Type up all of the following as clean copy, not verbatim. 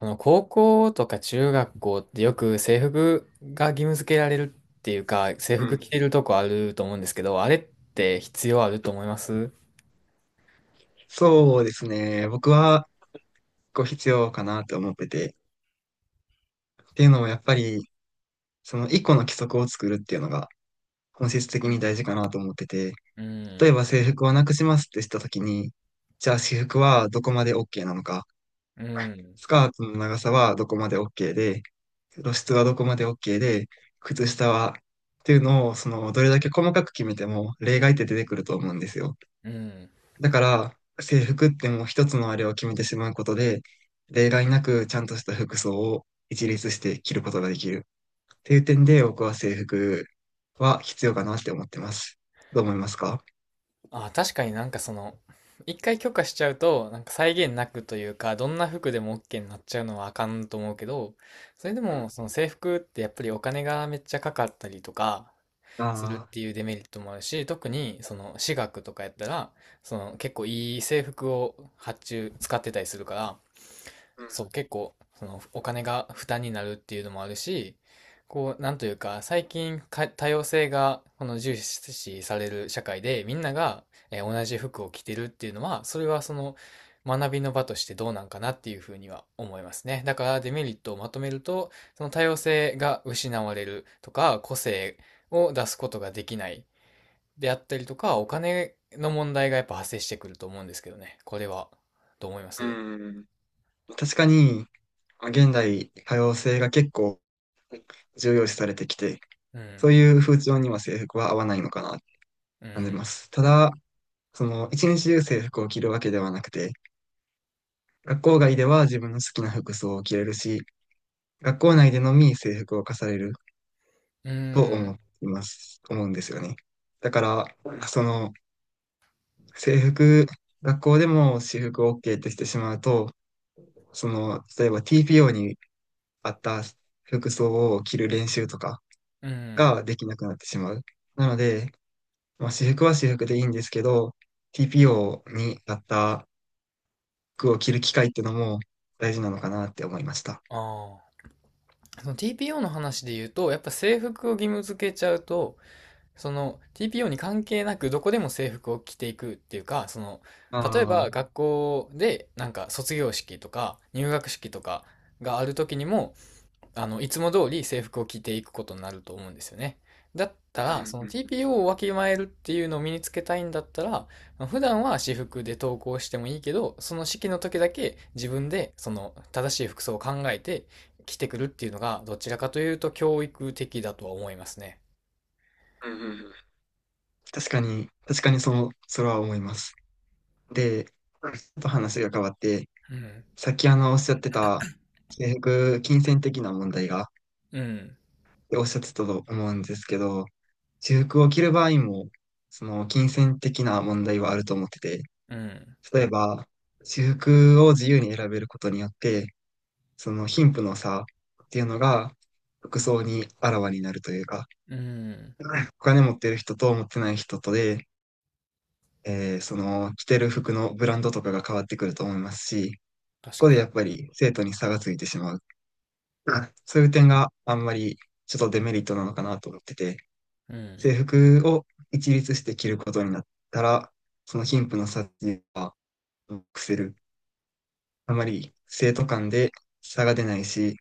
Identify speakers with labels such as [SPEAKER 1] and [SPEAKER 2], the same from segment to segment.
[SPEAKER 1] 高校とか中学校ってよく制服が義務付けられるっていうか、制
[SPEAKER 2] う
[SPEAKER 1] 服
[SPEAKER 2] ん。
[SPEAKER 1] 着てるとこあると思うんですけど、あれって必要あると思います？
[SPEAKER 2] そうですね。僕はこう必要かなと思ってて。っていうのもやっぱり、その一個の規則を作るっていうのが本質的
[SPEAKER 1] う
[SPEAKER 2] に
[SPEAKER 1] ん。
[SPEAKER 2] 大事かなと思ってて。
[SPEAKER 1] う
[SPEAKER 2] 例え
[SPEAKER 1] ん。
[SPEAKER 2] ば制服をなくしますってしたときに、じゃあ私服はどこまで OK なのか。
[SPEAKER 1] うん。
[SPEAKER 2] スカートの長さはどこまで OK で、露出はどこまで OK で、靴下はっていうのを、その、どれだけ細かく決めても例外って出てくると思うんですよ。
[SPEAKER 1] うん。
[SPEAKER 2] だから、制服ってもう一つのあれを決めてしまうことで、例外なくちゃんとした服装を一律して着ることができる。っていう点で、僕は制服は必要かなって思ってます。どう思いますか？
[SPEAKER 1] あ、確かに一回許可しちゃうと、際限なくというか、どんな服でも OK になっちゃうのはあかんと思うけど、それで
[SPEAKER 2] う
[SPEAKER 1] も
[SPEAKER 2] ん。
[SPEAKER 1] 制服ってやっぱりお金がめっちゃかかったりとか、する
[SPEAKER 2] あ
[SPEAKER 1] っ
[SPEAKER 2] あ。
[SPEAKER 1] ていうデメリットもあるし、特に私学とかやったら、結構いい制服を発注使ってたりするから、そう、結構、その、お金が負担になるっていうのもあるし、なんというか、最近か、多様性が、この重視される社会で、みんなが、同じ服を着てるっていうのは、それは学びの場としてどうなんかなっていうふうには思いますね。だからデメリットをまとめると、多様性が失われるとか、個性を出すことができないであったりとか、お金の問題がやっぱ発生してくると思うんですけどね。これは、どう思いま
[SPEAKER 2] う
[SPEAKER 1] す？
[SPEAKER 2] ん。うん。確かに、まあ現代、多様性が結構重要視されてきて、
[SPEAKER 1] う
[SPEAKER 2] そう
[SPEAKER 1] ん。
[SPEAKER 2] いう風潮には制服は合わないのかなって
[SPEAKER 1] う
[SPEAKER 2] 感じ
[SPEAKER 1] ん。
[SPEAKER 2] ます。ただ、その一日中制服を着るわけではなくて、学校外では自分の好きな服装を着れるし、学校内でのみ制服を課される
[SPEAKER 1] う
[SPEAKER 2] と
[SPEAKER 1] ん、
[SPEAKER 2] 思います、思うんですよね。だから、その制服、学校でも私服 OK ってしてしまうと、その、例えば TPO に合った服装を着る練習とか
[SPEAKER 1] うん、
[SPEAKER 2] ができなくなってしまう。なので、まあ、私服は私服でいいんですけど、TPO に合った服を着る機会ってのも大事なのかなって思いました。
[SPEAKER 1] ああ。その TPO の話で言うと、やっぱ制服を義務付けちゃうと、その TPO に関係なくどこでも制服を着ていくっていうか、
[SPEAKER 2] あ
[SPEAKER 1] 例え
[SPEAKER 2] あ。う
[SPEAKER 1] ば
[SPEAKER 2] ん
[SPEAKER 1] 学校でなんか卒業式とか入学式とかがある時にも、いつも通り制服を着ていくことになると思うんですよね。だった
[SPEAKER 2] う
[SPEAKER 1] ら、その
[SPEAKER 2] ん。
[SPEAKER 1] TPO をわきまえるっていうのを身につけたいんだったら、普段は私服で登校してもいいけど、式の時だけ自分で正しい服装を考えて着てくるっていうのが、どちらかというと教育的だとは思いますね。
[SPEAKER 2] うんうんうんうん。確かに、確かにその、それは思います。で、ちょっと話が変わって、
[SPEAKER 1] うん。
[SPEAKER 2] さっきおっしゃってた、制服、金銭的な問題が
[SPEAKER 1] うん。
[SPEAKER 2] おっしゃってたと思うんですけど、制服を着る場合も、その金銭的な問題はあると思ってて、
[SPEAKER 1] うん。
[SPEAKER 2] 例えば、制服を自由に選べることによって、その貧富の差っていうのが、服装にあらわになるというか、
[SPEAKER 1] うん。
[SPEAKER 2] お金持ってる人と持ってない人とで、その着てる服のブランドとかが変わってくると思いますし、
[SPEAKER 1] 確
[SPEAKER 2] こ
[SPEAKER 1] か
[SPEAKER 2] で
[SPEAKER 1] に。
[SPEAKER 2] やっぱり生徒に差がついてしまう。うん。そういう点があんまりちょっとデメリットなのかなと思ってて、
[SPEAKER 1] うん。
[SPEAKER 2] 制服を一律して着ることになったら、その貧富の差っていうのはなくせる。あまり生徒間で差が出ないし、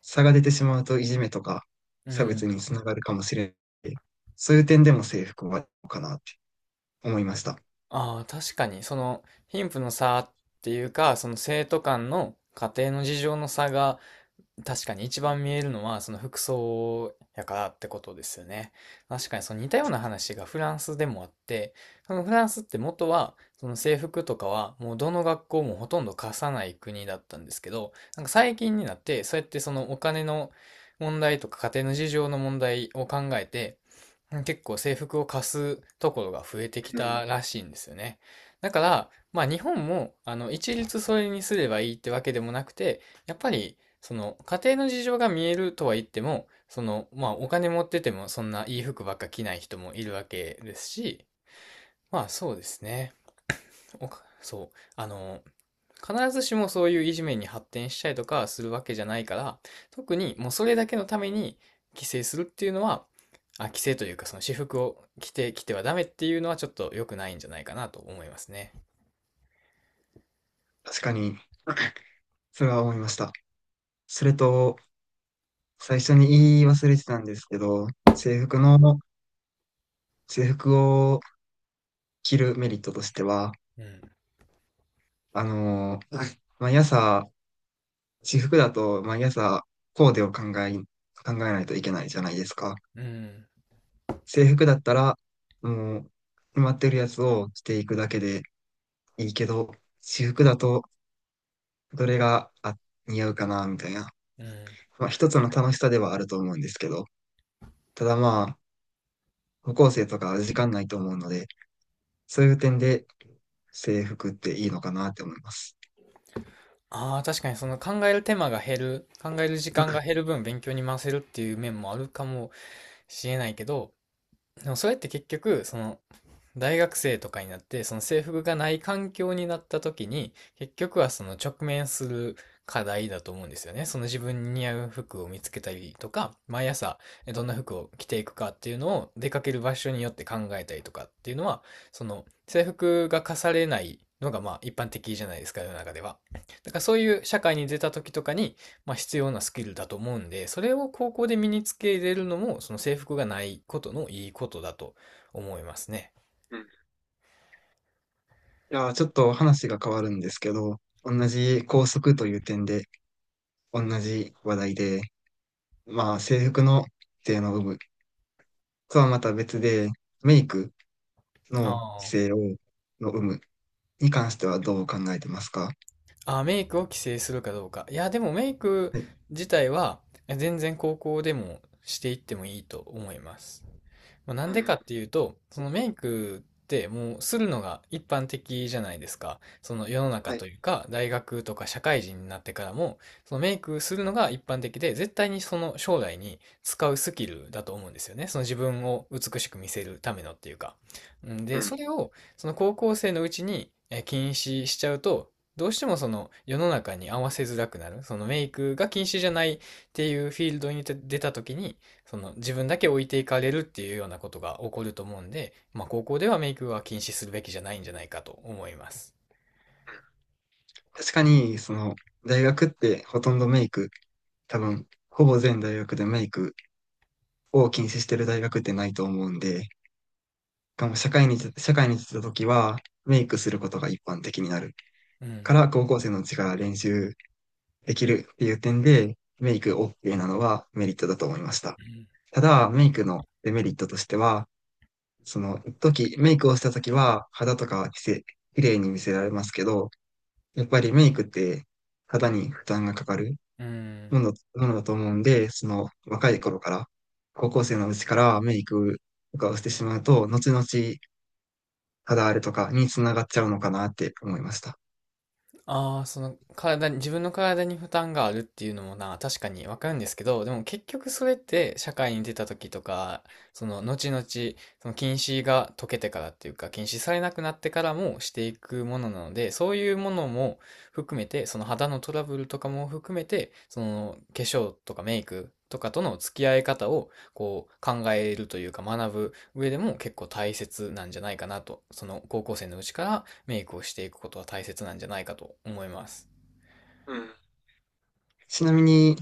[SPEAKER 2] 差が出てしまうといじめとか
[SPEAKER 1] う
[SPEAKER 2] 差
[SPEAKER 1] ん。
[SPEAKER 2] 別につながるかもしれない。そういう点でも制服はどうかなって思いました。
[SPEAKER 1] ああ、確かに、貧富の差っていうか、生徒間の家庭の事情の差が確かに一番見えるのは服装やからってことですよね。確かに似たような話がフランスでもあって、フランスって元は制服とかはもうどの学校もほとんど貸さない国だったんですけど、なんか最近になってそうやってお金の問題とか家庭の事情の問題を考えて、結構制服を貸すところが増えてき
[SPEAKER 2] うん。
[SPEAKER 1] たらしいんですよね。だから、まあ日本も一律それにすればいいってわけでもなくて、やっぱり家庭の事情が見えるとは言っても、まあ、お金持っててもそんないい服ばっか着ない人もいるわけですし、まあ、そうですね。おかそう。必ずしもそういういじめに発展したりとかするわけじゃないから、特にもうそれだけのために規制するっていうのは、あ、規制というか私服を着てきてはダメっていうのはちょっと良くないんじゃないかなと思いますね。
[SPEAKER 2] 確かに、それは思いました。それと、最初に言い忘れてたんですけど、制服を着るメリットとしては、
[SPEAKER 1] うん。
[SPEAKER 2] はい、毎朝、私服だと毎朝コーデを考え、考えないといけないじゃないですか。
[SPEAKER 1] うん。
[SPEAKER 2] 制服だったら、もう、決まってるやつをしていくだけでいいけど、私服だと、どれが、あ、似合うかな、みたいな。
[SPEAKER 1] うん。
[SPEAKER 2] まあ、一つの楽しさではあると思うんですけど、ただまあ、高校生とか時間ないと思うので、そういう点で制服っていいのかなって思います。
[SPEAKER 1] ああ、確かに考える手間が減る、考える時間が減る分勉強に回せるっていう面もあるかもしれないけど、でもそれって結局、大学生とかになって、制服がない環境になった時に、結局は直面する課題だと思うんですよね。自分に似合う服を見つけたりとか、毎朝どんな服を着ていくかっていうのを出かける場所によって考えたりとかっていうのは、制服が課されないのがまあ一般的じゃないですか、世の中では。だからそういう社会に出た時とかに、まあ、必要なスキルだと思うんで、それを高校で身につけれるのも、制服がないことのいいことだと思いますね。
[SPEAKER 2] いやー、ちょっと話が変わるんですけど、同じ校則という点で、同じ話題で、まあ、制服の規制の有無とはまた別で、メイクの規
[SPEAKER 1] あ
[SPEAKER 2] 制を、の有無に関してはどう考えてますか？
[SPEAKER 1] あ。あ、メイクを規制するかどうか。いや、でもメイク
[SPEAKER 2] はい。
[SPEAKER 1] 自体は全然高校でもしていってもいいと思います。まあ、なん
[SPEAKER 2] うん
[SPEAKER 1] で
[SPEAKER 2] う
[SPEAKER 1] かっ
[SPEAKER 2] ん。
[SPEAKER 1] ていうと、メイクってもうするのが一般的じゃないですか。世の中
[SPEAKER 2] はい。
[SPEAKER 1] というか、大学とか社会人になってからも、メイクするのが一般的で、絶対に将来に使うスキルだと思うんですよね。自分を美しく見せるためのっていうか。うん
[SPEAKER 2] う
[SPEAKER 1] で、そ
[SPEAKER 2] ん。
[SPEAKER 1] れを高校生のうちに禁止しちゃうと、どうしても世の中に合わせづらくなる。メイクが禁止じゃないっていうフィールドに出た時に、自分だけ置いていかれるっていうようなことが起こると思うんで、まあ、高校ではメイクは禁止するべきじゃないんじゃないかと思います。
[SPEAKER 2] 確かに、その、大学ってほとんどメイク、多分、ほぼ全大学でメイクを禁止してる大学ってないと思うんで、しかも社会に出た時は、メイクすることが一般的になる。
[SPEAKER 1] う
[SPEAKER 2] か
[SPEAKER 1] ん。
[SPEAKER 2] ら高校生のうちから練習できるっていう点で、メイク OK なのはメリットだと思いました。
[SPEAKER 1] うん。
[SPEAKER 2] ただ、メイクのデメリットとしては、その時、メイクをした時は肌とかはきせ、綺麗に見せられますけど、やっぱりメイクって肌に負担がかかる
[SPEAKER 1] う
[SPEAKER 2] も
[SPEAKER 1] ん。
[SPEAKER 2] の、ものだと思うんで、その若い頃から、高校生のうちからメイクとかをしてしまうと、後々肌荒れとかにつながっちゃうのかなって思いました。
[SPEAKER 1] ああ、体に、自分の体に負担があるっていうのもな、確かにわかるんですけど、でも結局それって社会に出た時とか、後々、禁止が解けてからっていうか、禁止されなくなってからもしていくものなので、そういうものも含めて、肌のトラブルとかも含めて、化粧とかメイクとかとの付き合い方をこう考えるというか学ぶ上でも結構大切なんじゃないかなと、高校生のうちからメイクをしていくことは大切なんじゃないかと思います。
[SPEAKER 2] うん。ちなみに、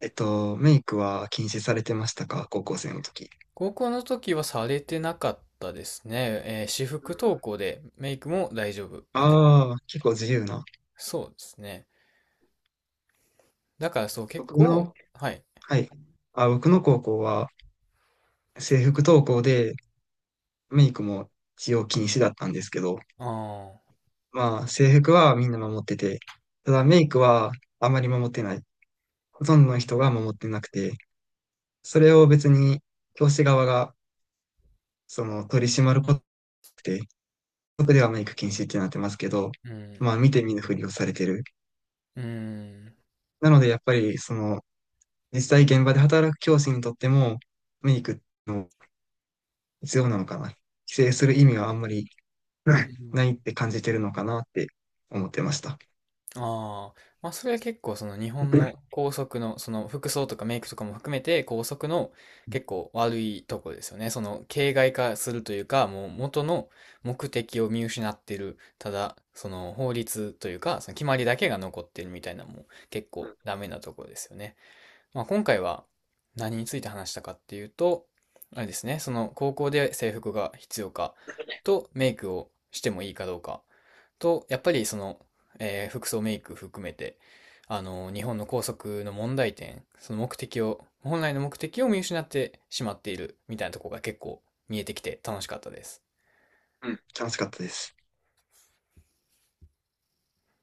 [SPEAKER 2] メイクは禁止されてましたか、高校生の時。
[SPEAKER 1] 高校の時はされてなかったですね。私服登校でメイクも大丈夫みたい。な、
[SPEAKER 2] ああ、結構自由な。
[SPEAKER 1] そうですね。だからそう結
[SPEAKER 2] 僕
[SPEAKER 1] 構、
[SPEAKER 2] の、
[SPEAKER 1] はい。
[SPEAKER 2] はい。あ、僕の高校は制服登校でメイクも使用禁止だったんですけど、
[SPEAKER 1] ああ。
[SPEAKER 2] まあ制服はみんな守ってて、ただメイクはあまり守ってない。ほとんどの人が守ってなくて、それを別に教師側がその取り締まることで、僕ではメイク禁止ってなってますけど、
[SPEAKER 1] ん。
[SPEAKER 2] まあ見て見ぬふりをされてる。
[SPEAKER 1] うん。うん。
[SPEAKER 2] なのでやっぱりその実際現場で働く教師にとっても、メイクの必要なのかな。規制する意味はあんまり、う
[SPEAKER 1] う
[SPEAKER 2] ん、
[SPEAKER 1] ん。
[SPEAKER 2] ないって感じてるのかなって思ってました。
[SPEAKER 1] ああ、まあそれは結構日
[SPEAKER 2] う
[SPEAKER 1] 本
[SPEAKER 2] ん、
[SPEAKER 1] の校則の服装とかメイクとかも含めて校則の結構悪いとこですよね。形骸化するというかもう元の目的を見失ってる。ただ法律というか決まりだけが残ってるみたいなのも結
[SPEAKER 2] う
[SPEAKER 1] 構
[SPEAKER 2] ん、
[SPEAKER 1] ダメなとこですよね。まあ今回は何について話したかっていうと、まあれですね、高校で制服が必要かとメイクをしてもいいかどうかと、やっぱり服装メイク含めて、日本の校則の問題点、目的を、本来の目的を見失ってしまっているみたいなところが結構見えてきて楽しかったです。
[SPEAKER 2] うん、楽しかったです。